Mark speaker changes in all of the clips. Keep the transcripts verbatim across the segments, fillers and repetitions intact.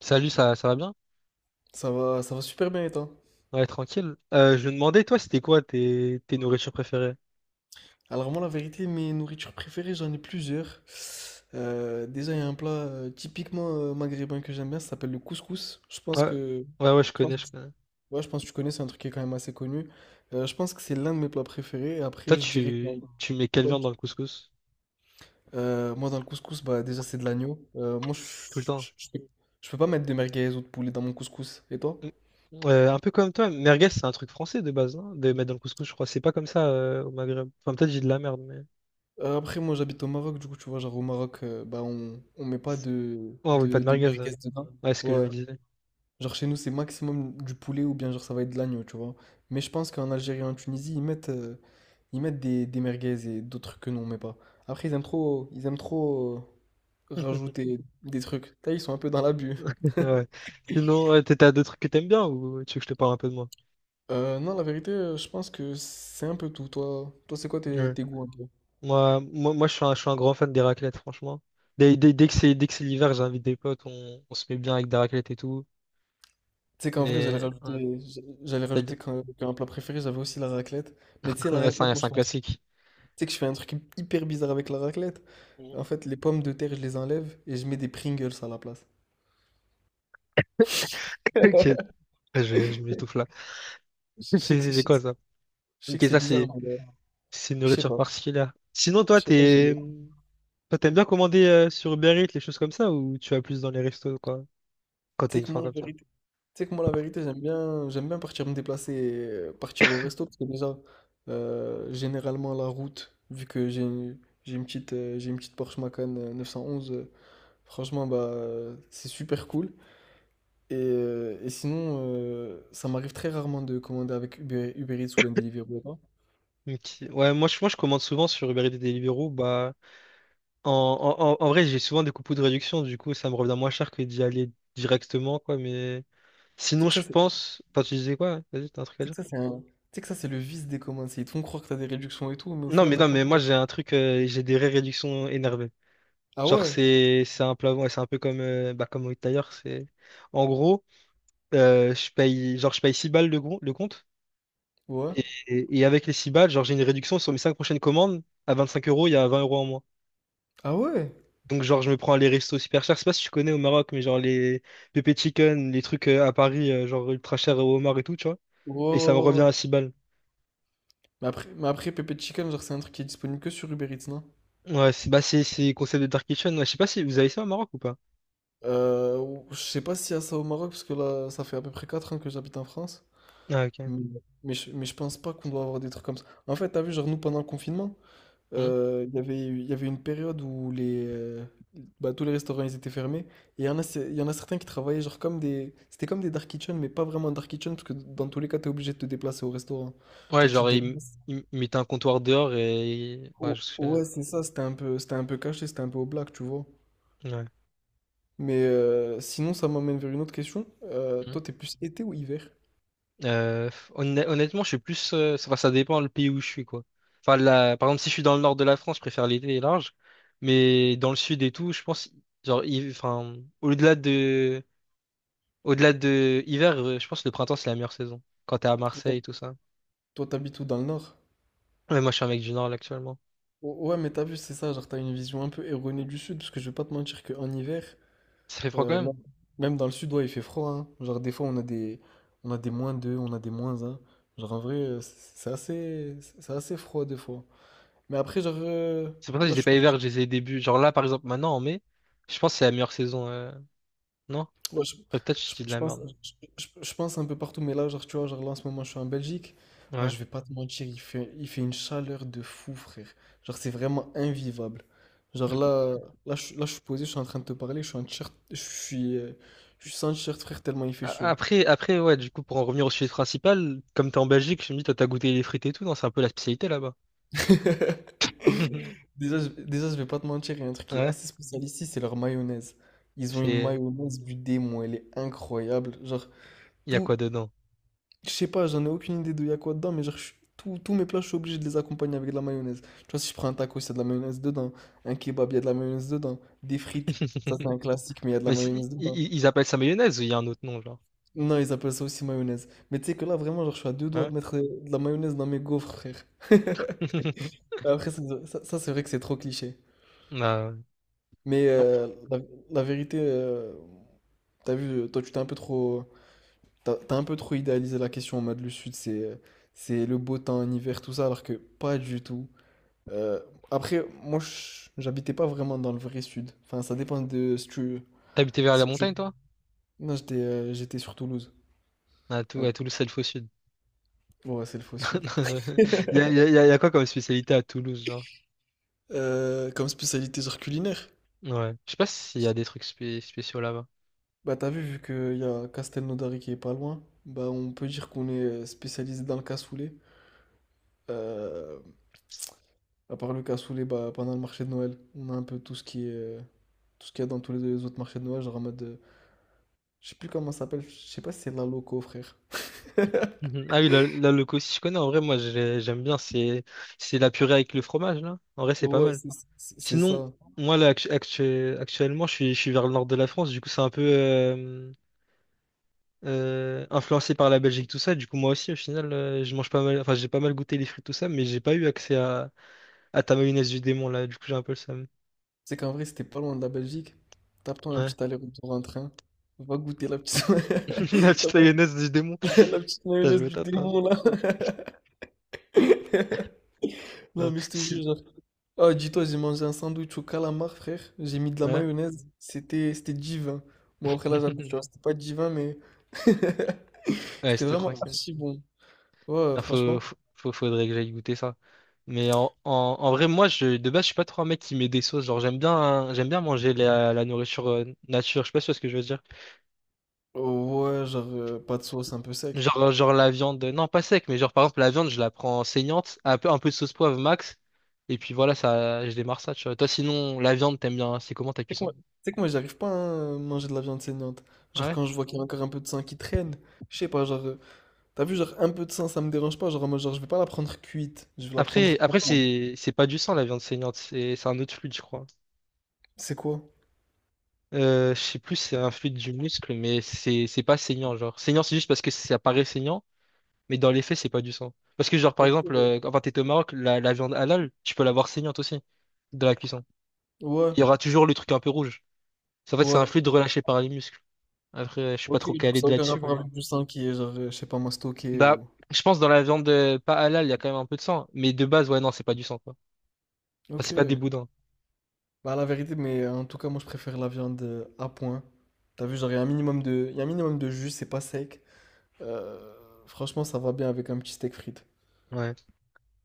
Speaker 1: Salut, ça, ça va bien?
Speaker 2: Ça va, ça va super bien et toi?
Speaker 1: Ouais, tranquille. Euh, je me demandais, toi, c'était quoi tes, tes nourritures préférées?
Speaker 2: Alors moi la vérité, mes nourritures préférées, j'en ai plusieurs. Euh, déjà il y a un plat euh, typiquement euh, maghrébin que j'aime bien, ça s'appelle le couscous. Je pense
Speaker 1: Ouais,
Speaker 2: que,
Speaker 1: ouais, ouais, je
Speaker 2: je
Speaker 1: connais,
Speaker 2: pense,
Speaker 1: je connais.
Speaker 2: Ouais, je pense que tu connais, c'est un truc qui est quand même assez connu. Euh, je pense que c'est l'un de mes plats préférés. Et
Speaker 1: Toi,
Speaker 2: après je dirais que
Speaker 1: tu, tu mets quelle viande dans le couscous?
Speaker 2: euh, moi, dans le couscous, bah déjà c'est de l'agneau. Euh, moi je,
Speaker 1: Tout le temps.
Speaker 2: je, je peux je peux pas mettre de merguez ou de poulet dans mon couscous. Et toi?
Speaker 1: Mm. Euh, un peu comme toi, merguez, c'est un truc français de base, non? De mettre dans le couscous, je crois. C'est pas comme ça euh, au Maghreb. Enfin, peut-être j'ai de la merde, mais.
Speaker 2: Euh, après, moi, j'habite au Maroc, du coup, tu vois, genre au Maroc, euh, bah, on, on met pas de,
Speaker 1: Oh, oui, pas
Speaker 2: de,
Speaker 1: de
Speaker 2: de,
Speaker 1: merguez.
Speaker 2: merguez
Speaker 1: Ouais,
Speaker 2: dedans.
Speaker 1: ouais, c'est ce que je
Speaker 2: Ouais.
Speaker 1: me disais.
Speaker 2: Genre chez nous, c'est maximum du poulet ou bien genre ça va être de l'agneau, tu vois. Mais je pense qu'en Algérie et en Tunisie, ils mettent, euh, ils mettent des, des merguez et d'autres trucs que nous, on met pas. Après, ils aiment trop, ils aiment trop euh, rajouter des trucs. Là, ils sont un peu dans l'abus.
Speaker 1: Ouais. Sinon, ouais, t'as t'as d'autres trucs que t'aimes bien ou tu veux que je te parle un peu de moi?
Speaker 2: Euh, non, la vérité, euh, je pense que c'est un peu tout. Toi, toi, c'est quoi tes, tes goûts un peu?
Speaker 1: Moi, moi, moi je suis un, je suis un grand fan des raclettes, franchement. Dès, dès, dès que c'est, dès que c'est l'hiver, j'invite des potes, on, on se met bien avec des raclettes et tout.
Speaker 2: Tu sais qu'en vrai, j'allais
Speaker 1: Mais
Speaker 2: rajouter, j'allais rajouter qu'un qu'un plat préféré, j'avais aussi la raclette. Mais tu sais, la
Speaker 1: c'est
Speaker 2: raclette,
Speaker 1: un,
Speaker 2: moi,
Speaker 1: c'est
Speaker 2: je
Speaker 1: un
Speaker 2: fais un truc
Speaker 1: classique.
Speaker 2: sais que je fais un truc hyper bizarre avec la raclette.
Speaker 1: Mhm.
Speaker 2: En fait, les pommes de terre, je les enlève et je mets des Pringles à la place.
Speaker 1: Ok, ouais, je, je m'étouffe là.
Speaker 2: Je
Speaker 1: C'est
Speaker 2: sais que, je
Speaker 1: c'est- c'est
Speaker 2: sais que-
Speaker 1: quoi ça?
Speaker 2: je sais
Speaker 1: Ok,
Speaker 2: que c'est
Speaker 1: ça,
Speaker 2: bizarre,
Speaker 1: c'est
Speaker 2: mais euh,
Speaker 1: c'est une
Speaker 2: je sais
Speaker 1: nourriture
Speaker 2: pas.
Speaker 1: particulière. Sinon, toi,
Speaker 2: Je sais pas, j'y vais.
Speaker 1: t'es, toi, t'aimes bien commander euh, sur Uber Eats, les choses comme ça, ou tu vas plus dans les restos, quoi, quand
Speaker 2: Tu
Speaker 1: t'as
Speaker 2: sais
Speaker 1: une
Speaker 2: que
Speaker 1: faim
Speaker 2: moi, la
Speaker 1: comme ça?
Speaker 2: vérité, tu sais que moi, la vérité, j'aime bien, j'aime bien partir me déplacer, et, euh, partir au resto, parce que déjà, euh, généralement, la route, vu que j'ai une, j'ai une petite, euh, j'ai une petite Porsche Macan euh, neuf cent onze, euh, franchement, bah, euh, c'est super cool. Et, euh, et sinon, euh, ça m'arrive très rarement de commander avec Uber, Uber Eats ou bien Deliveroo.
Speaker 1: Ok. Ouais, moi, je, moi, je commande souvent sur Uber Eats et Deliveroo, bah. En, en, en en vrai, j'ai souvent des coupons de réduction, du coup, ça me revient moins cher que d'y aller directement, quoi. Mais
Speaker 2: Tu sais
Speaker 1: sinon,
Speaker 2: que
Speaker 1: je
Speaker 2: ça, c'est tu
Speaker 1: pense. Enfin, tu disais quoi? Vas-y, t'as un truc à
Speaker 2: sais
Speaker 1: dire?
Speaker 2: que ça, c'est un tu sais que ça, c'est le vice des communs, c'est ils te font croire que t'as des réductions et tout, mais au
Speaker 1: Non,
Speaker 2: final,
Speaker 1: mais
Speaker 2: t'as as
Speaker 1: non,
Speaker 2: quand
Speaker 1: mais moi,
Speaker 2: genre.
Speaker 1: j'ai un truc, euh, j'ai des vraies réductions énervées.
Speaker 2: Ah
Speaker 1: Genre,
Speaker 2: ouais?
Speaker 1: c'est c'est un plat, ouais, c'est un peu comme, euh, bah, comme d'ailleurs, c'est. En gros, euh, je paye, genre, je paye six balles le, gros- le compte,
Speaker 2: Ouais?
Speaker 1: et, et avec les six balles, genre, j'ai une réduction sur mes cinq prochaines commandes. À vingt-cinq euros, il y a vingt euros en moins.
Speaker 2: Ah ouais?
Speaker 1: Donc, genre, je me prends les restos super chers. Je sais pas si tu connais au Maroc, mais genre les pépé chicken, les trucs euh, à Paris, euh, genre ultra chers au homard et tout, tu vois.
Speaker 2: Ouais,
Speaker 1: Et ça me
Speaker 2: ouais, ouais,
Speaker 1: revient
Speaker 2: ouais.
Speaker 1: à six balles.
Speaker 2: Mais après, mais après Pepe Chicken, genre, c'est un truc qui est disponible que sur Uber Eats, non?
Speaker 1: Ouais, c'est bah, c'est c'est concept de Dark Kitchen. Ouais, je sais pas si vous avez ça au Maroc ou pas.
Speaker 2: Euh, ou- je sais pas s'il y a ça au Maroc, parce que là, ça fait à peu près quatre ans que j'habite en France.
Speaker 1: Ah, ok.
Speaker 2: Mais, mais, je, mais je pense pas qu'on doit avoir des trucs comme ça. En fait, t'as vu, genre, nous, pendant le confinement,
Speaker 1: Hmm.
Speaker 2: Euh, Il y avait, il y avait une période où les, euh, bah, tous les restaurants ils étaient fermés. Et il y en a, c'est- il y en a certains qui travaillaient genre comme des... C'était comme des dark kitchen, mais pas vraiment dark kitchen, parce que dans tous les cas, tu es obligé de te déplacer au restaurant. Tu
Speaker 1: Ouais,
Speaker 2: vois, tu te
Speaker 1: genre, ils
Speaker 2: déplaces.
Speaker 1: il mettaient un comptoir dehors et. Ouais,
Speaker 2: Oh,
Speaker 1: je me souviens.
Speaker 2: ouais, c'est ça, c'était un peu, c'était un peu caché, c'était un peu au black, tu vois.
Speaker 1: Ouais.
Speaker 2: Mais euh, sinon, ça m'amène vers une autre question. Euh,
Speaker 1: Hmm.
Speaker 2: toi, t'es plus été ou hiver?
Speaker 1: Euh, honn- Honnêtement, je suis plus. euh, ça, enfin, ça dépend le pays où je suis, quoi. Enfin, la... par exemple, si je suis dans le nord de la France, je préfère l'été large. Mais dans le sud et tout, je pense. Genre, il... enfin, au-delà de. Au-delà de hiver, euh, je pense que le printemps, c'est la meilleure saison. Quand t'es à
Speaker 2: Toi, t'hab-
Speaker 1: Marseille et tout ça.
Speaker 2: toi, t'habites où dans le nord?
Speaker 1: Ouais, moi, je suis un mec du Nord, là, actuellement.
Speaker 2: O- Ouais, mais t'as vu, c'est ça, genre t'as une vision un peu erronée du sud, parce que je vais pas te mentir qu'en hiver.
Speaker 1: Ça fait froid
Speaker 2: Euh,
Speaker 1: quand même.
Speaker 2: même même dans le sud, ouais, il fait froid, hein. Genre, des fois, on a des, on a des moins deux, on a des moins un. Genre, en vrai, euh, c'est c'est assez, c'est assez froid, des fois. Mais après, genre, euh,
Speaker 1: C'est pour ça que je
Speaker 2: là,
Speaker 1: les
Speaker 2: je
Speaker 1: ai
Speaker 2: suis
Speaker 1: pas
Speaker 2: parti.
Speaker 1: hiver, je les ai début. Genre là, par exemple, maintenant, en mai, je pense que c'est la meilleure saison. euh, Non?
Speaker 2: Ouais, je,
Speaker 1: Ouais, peut-être que
Speaker 2: je-
Speaker 1: je dis de
Speaker 2: je
Speaker 1: la
Speaker 2: pense,
Speaker 1: merde.
Speaker 2: je, je- je pense un peu partout, mais là, genre, tu vois, genre, là, en ce moment, je suis en Belgique.
Speaker 1: non.
Speaker 2: Oh,
Speaker 1: Ouais.
Speaker 2: je vais pas te mentir, il fait, il fait une chaleur de fou, frère. Genre, c'est vraiment invivable. Genre, là, là, je, là, je suis posé, je suis en train de te parler, je suis en t-shirt, je suis, euh, je suis sans t-shirt, frère, tellement il fait
Speaker 1: A-
Speaker 2: chaud.
Speaker 1: Après, après, ouais, du coup, pour en revenir au sujet principal, comme t'es en Belgique, je me dis, toi, t'as goûté les frites et tout, non? C'est un peu la spécialité là-bas.
Speaker 2: Déjà, je, déjà, je vais pas te mentir, il y a un truc qui est
Speaker 1: Ouais,
Speaker 2: assez spécial ici, c'est leur mayonnaise. Ils ont une
Speaker 1: c'est...
Speaker 2: mayonnaise du démon, elle est incroyable. Genre,
Speaker 1: Il y a
Speaker 2: tout,
Speaker 1: quoi dedans?
Speaker 2: je sais pas, j'en ai aucune idée de y a quoi dedans, mais genre, je suis- tout- tous mes plats, je suis obligé de les accompagner avec de la mayonnaise. Tu vois, si je prends un taco, il y a de la mayonnaise dedans. Un kebab, il y a de la mayonnaise dedans. Des frites, ça c'est un classique, mais il y a de la
Speaker 1: Mais c'est- i-
Speaker 2: mayonnaise dedans.
Speaker 1: i- ils appellent ça mayonnaise ou il y a un autre nom, genre?
Speaker 2: Non, ils appellent ça aussi mayonnaise. Mais tu sais que là, vraiment, genre, je suis à deux doigts
Speaker 1: Ouais.
Speaker 2: de mettre de la mayonnaise dans mes gaufres, frère. Après, ça, ça ça, c'est vrai que c'est trop cliché.
Speaker 1: Bah,
Speaker 2: Mais
Speaker 1: ouais.
Speaker 2: euh, la, la vérité, euh, t'as vu, euh, toi tu t'es un peu trop, t'as, t'as un peu trop idéalisé la question en mode le sud, c'est, euh, c'est le beau temps, en hiver, tout ça, alors que pas du tout. Euh, Après, moi je- j'habitais pas vraiment dans le vrai sud. Enfin, ça dépend de si tu,
Speaker 1: T'habitais vers la
Speaker 2: si tu.
Speaker 1: montagne, toi?
Speaker 2: Non, j'étais, euh, j'étais sur Toulouse.
Speaker 1: À, Tou-
Speaker 2: Hein.
Speaker 1: à Toulouse, c'est le faux sud.
Speaker 2: Ouais, c'est le faux sud.
Speaker 1: Il y a, il y a- il y a quoi comme spécialité à Toulouse, genre?
Speaker 2: Euh, comme spécialité genre culinaire,
Speaker 1: Ouais. Je sais pas s'il y a des trucs spé- spéciaux là-bas.
Speaker 2: bah t'as vu, vu qu'il y a Castelnaudary qui est pas loin, bah on peut dire qu'on est euh, spécialisé dans le cassoulet. Euh, À part le cassoulet, bah, pendant le marché de Noël, on a un peu tout ce qui est, euh, tout ce qu'il y a dans tous les les autres marchés de Noël, genre en mode, euh, je sais plus comment ça s'appelle, je sais pas si c'est de la loco, frère.
Speaker 1: Mhm. Ah oui, la là, le aussi, je connais. En vrai, moi, j'ai- j'aime bien. C'est c'est la purée avec le fromage, là. En vrai, c'est pas
Speaker 2: Ouais,
Speaker 1: mal.
Speaker 2: c'est c'est- c'est
Speaker 1: Sinon,
Speaker 2: ça.
Speaker 1: moi, là, actu- actu- actuellement, je suis, je suis vers le nord de la France. Du coup, c'est un peu euh, euh, influencé par la Belgique, tout ça. Du coup, moi aussi, au final, euh, je mange pas mal. Enfin, j'ai pas mal goûté les frites tout ça, mais j'ai pas eu accès à, à ta mayonnaise du démon, là. Du coup, j'ai un peu le seum.
Speaker 2: C'est qu'en vrai, c'était pas loin de la Belgique. Tape-toi un
Speaker 1: Ouais.
Speaker 2: petit aller-retour en train. Va goûter la petite,
Speaker 1: La
Speaker 2: la,
Speaker 1: petite mayonnaise du démon.
Speaker 2: ma- la petite
Speaker 1: T'as
Speaker 2: mayonnaise
Speaker 1: joué au
Speaker 2: du
Speaker 1: top, hein?
Speaker 2: démon, là. Non,
Speaker 1: Non.
Speaker 2: mais je te
Speaker 1: Si,
Speaker 2: jure, genre. Ah, dis-toi, j'ai mangé un sandwich au calamar, frère. J'ai mis de la
Speaker 1: ouais.
Speaker 2: mayonnaise. C'était c'était divin. Bon, après, là, j'abuse, tu vois, c'était pas divin, mais
Speaker 1: Ouais,
Speaker 2: c'était
Speaker 1: c'était
Speaker 2: vraiment
Speaker 1: tranquille.
Speaker 2: archi bon. Ouais, ouais,
Speaker 1: Ah, Faut,
Speaker 2: franchement.
Speaker 1: faut, faut- faudrait que j'aille goûter ça. Mais en, en, en vrai, moi, je, de base, je suis pas trop un mec qui met des sauces. Genre, j'aime bien, hein, j'aime bien manger la, la nourriture euh, nature. Je sais pas si tu vois ce que je veux dire.
Speaker 2: Ouais, genre, euh, pas de sauce, un peu sec.
Speaker 1: Genre, euh, genre la viande, euh, non, pas sec, mais genre, par exemple, la viande, je la prends saignante, un peu, un peu de sauce poivre max. Et puis voilà, ça, je démarre ça, tu vois. Toi, sinon, la viande, t'aimes bien, c'est comment ta
Speaker 2: C'est que moi,
Speaker 1: cuisson?
Speaker 2: tu sais que moi, j'arrive pas hein, à euh, manger de la viande saignante.
Speaker 1: Ah
Speaker 2: Genre,
Speaker 1: ouais?
Speaker 2: quand je vois qu'il y a encore un peu de sang qui traîne, je sais pas, genre, euh, t'as vu, genre, un peu de sang, ça me dérange pas. Genre, en mode, genre, je vais pas la prendre cuite, je vais la prendre.
Speaker 1: Après, après c'est, c'est pas du sang, la viande saignante. C'est, c'est un autre fluide, je crois.
Speaker 2: C'est quoi?
Speaker 1: Euh, je sais plus, si c'est un fluide du muscle, mais c'est c'est pas saignant, genre. Saignant, c'est juste parce que ça paraît saignant, mais dans les faits, c'est pas du sang. Parce que, genre, par
Speaker 2: Ok.
Speaker 1: exemple, euh, quand t'es au Maroc, la, la viande halal, tu peux l'avoir saignante aussi, dans la cuisson.
Speaker 2: Ouais,
Speaker 1: Il y aura toujours le truc un peu rouge. En fait, c'est un
Speaker 2: ouais.
Speaker 1: fluide relâché par les muscles. Après, euh, je suis pas
Speaker 2: Ok,
Speaker 1: trop
Speaker 2: du coup,
Speaker 1: calé
Speaker 2: ça
Speaker 1: de
Speaker 2: n'a aucun
Speaker 1: là-dessus, mais...
Speaker 2: rapport avec du sang qui est, genre, euh, je sais pas, moi, stocké
Speaker 1: Bah,
Speaker 2: ou.
Speaker 1: je pense dans la viande euh, pas halal, il y a quand même un peu de sang. Mais de base, ouais, non, c'est pas du sang, quoi. Enfin,
Speaker 2: Ok.
Speaker 1: c'est pas des boudins.
Speaker 2: Bah, la vérité, mais euh, en tout cas, moi, je préfère la viande euh, à point. T'as vu, genre, il y a un minimum de, il y a un minimum de jus, c'est pas sec. Euh, Franchement, ça va bien avec un petit steak frites.
Speaker 1: Ouais.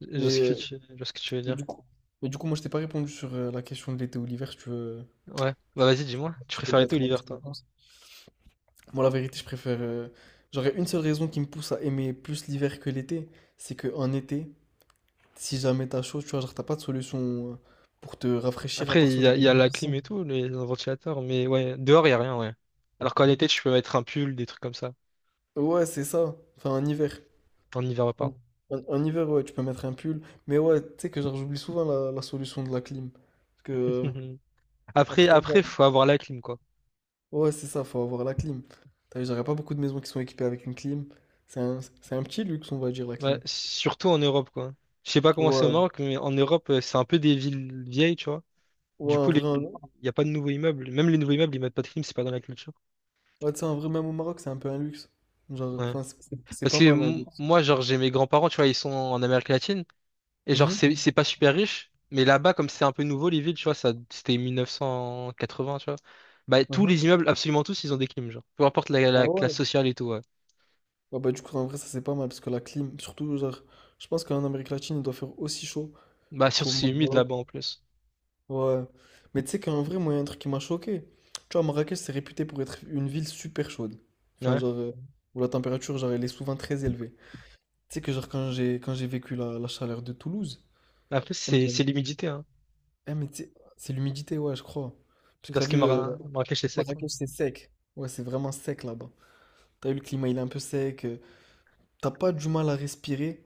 Speaker 1: Je vois
Speaker 2: Mais,
Speaker 1: ce que
Speaker 2: euh,
Speaker 1: tu, je vois ce que tu veux
Speaker 2: mais
Speaker 1: dire.
Speaker 2: du coup, mais du coup, moi, je t'ai pas répondu sur euh, la question de l'été ou l'hiver. Si tu veux,
Speaker 1: Ouais. Bah, vas-y,
Speaker 2: tu
Speaker 1: dis-moi.
Speaker 2: peux
Speaker 1: Tu
Speaker 2: tu peux
Speaker 1: préfères
Speaker 2: te
Speaker 1: l'été ou
Speaker 2: mettre ma
Speaker 1: l'hiver,
Speaker 2: petite
Speaker 1: toi?
Speaker 2: réponse. Moi, la vérité, je préfère. euh, J'aurais une seule raison qui me pousse à aimer plus l'hiver que l'été, c'est que en été, si jamais t'as chaud, tu vois, genre t'as pas de solution euh, pour te rafraîchir à
Speaker 1: Après,
Speaker 2: part
Speaker 1: il y
Speaker 2: sauter
Speaker 1: a, il
Speaker 2: dans
Speaker 1: y a
Speaker 2: une
Speaker 1: la clim
Speaker 2: piscine.
Speaker 1: et tout, les ventilateurs, mais ouais, dehors, il n'y a rien, ouais. Alors qu'en été, tu peux mettre un pull, des trucs comme ça.
Speaker 2: Ouais, c'est ça. Enfin, en hiver.
Speaker 1: En hiver, ouais,
Speaker 2: En,
Speaker 1: pardon.
Speaker 2: en- en hiver, ouais, tu peux mettre un pull. Mais ouais, tu sais que genre j'oublie souvent la, la solution de la clim. Parce que euh,
Speaker 1: Après,
Speaker 2: après, t'as vu,
Speaker 1: après, faut avoir la clim, quoi.
Speaker 2: ouais, c'est ça, faut avoir la clim. T'as vu, j'aurais pas beaucoup de maisons qui sont équipées avec une clim. C'est un, c'est un petit luxe, on va dire, la
Speaker 1: Ouais,
Speaker 2: clim.
Speaker 1: surtout en Europe, quoi. Je sais pas comment c'est au
Speaker 2: Ouais.
Speaker 1: Maroc, mais en Europe, euh, c'est un peu des villes vieilles, tu vois.
Speaker 2: Ouais,
Speaker 1: Du
Speaker 2: un
Speaker 1: coup, les-
Speaker 2: vrai,
Speaker 1: il
Speaker 2: un-
Speaker 1: n'y a pas de nouveaux immeubles. Même les nouveaux immeubles, ils mettent pas de clim, c'est pas dans la culture.
Speaker 2: ouais, tu sais, en vrai, même au Maroc, c'est un peu un luxe. Genre,
Speaker 1: Ouais.
Speaker 2: enfin, c'est c'est- c'est
Speaker 1: Parce
Speaker 2: pas
Speaker 1: que
Speaker 2: mal un
Speaker 1: m-
Speaker 2: luxe.
Speaker 1: moi, genre, j'ai mes grands-parents, tu vois, ils sont en Amérique latine. Et genre,
Speaker 2: Mhm,
Speaker 1: c'est c'est pas super riche, mais là-bas, comme c'est un peu nouveau, les villes, tu vois, ça, c'était mille neuf cent quatre-vingts, tu vois. Bah, tous
Speaker 2: mhm.
Speaker 1: les immeubles, absolument tous, ils ont des clims, genre. Peu importe la,
Speaker 2: Ah
Speaker 1: la classe
Speaker 2: ouais?
Speaker 1: sociale et tout, ouais.
Speaker 2: Ouais, bah, du coup, en vrai, ça c'est pas mal parce que la clim, surtout, genre, je pense qu'en Amérique latine, il doit faire aussi chaud
Speaker 1: Bah, surtout
Speaker 2: qu'au
Speaker 1: c'est humide
Speaker 2: Maroc.
Speaker 1: là-bas en plus.
Speaker 2: Ouais. Mais tu sais qu'en vrai, moi, il y a un truc qui m'a choqué. Tu vois, Marrakech, c'est réputé pour être une ville super chaude. Enfin,
Speaker 1: Ouais.
Speaker 2: genre, euh, où la température, genre, elle est souvent très élevée. Tu sais que genre quand j'ai quand j'ai vécu la, la chaleur de Toulouse,
Speaker 1: Après,
Speaker 2: eh mais,
Speaker 1: c'est
Speaker 2: j'avais-
Speaker 1: c'est l'humidité, hein.
Speaker 2: eh, mais tu sais, c'est l'humidité, ouais, je crois. Parce que t'as
Speaker 1: Parce que
Speaker 2: vu, euh,
Speaker 1: Mara- Marrakech, c'est sec, quoi.
Speaker 2: Marrakech, c'est sec. Ouais, c'est vraiment sec là-bas. T'as vu, le climat, il est un peu sec. euh, T'as pas du mal à respirer,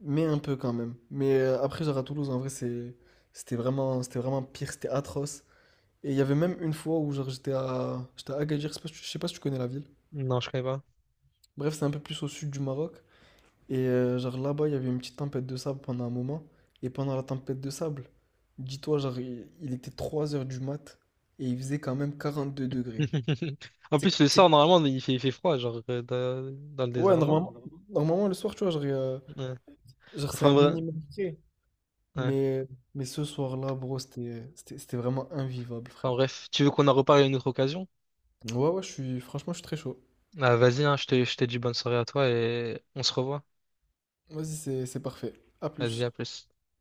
Speaker 2: mais un peu quand même. Mais euh, après, genre à Toulouse, en vrai, c'est, c'était vraiment, c'était vraiment pire, c'était atroce. Et il y avait même une fois où genre j'étais à, j'étais à Agadir, je sais pas si tu je sais pas si tu connais la ville.
Speaker 1: Non, je connais pas.
Speaker 2: Bref, c'est un peu plus au sud du Maroc. Et euh, genre là-bas, il y avait une petite tempête de sable pendant un moment. Et pendant la tempête de sable, dis-toi, genre, il, il était trois heures du mat et il faisait quand même quarante-deux degrés.
Speaker 1: En
Speaker 2: C'est-
Speaker 1: plus, le
Speaker 2: c'est-
Speaker 1: soir, normalement, il fait, il fait froid, genre, euh, dans, dans le
Speaker 2: Ouais,
Speaker 1: désert, non?
Speaker 2: normalement, normalement, le soir, tu vois, genre, euh,
Speaker 1: Ouais.
Speaker 2: genre, c'est
Speaker 1: Enfin,
Speaker 2: un
Speaker 1: bre-
Speaker 2: minimum de degrés.
Speaker 1: ouais.
Speaker 2: Mais, mais ce soir-là, bro, c'était, c'était, c'était vraiment invivable,
Speaker 1: Enfin,
Speaker 2: frère.
Speaker 1: bref. Tu veux qu'on en reparle à une autre occasion?
Speaker 2: Ouais, ouais, je suis, franchement, je suis très chaud.
Speaker 1: Ah, vas-y, hein, je te, je te dis bonne soirée à toi et on se revoit.
Speaker 2: Vas-y, c'est, c'est parfait. À
Speaker 1: Vas-y,
Speaker 2: plus.
Speaker 1: à plus.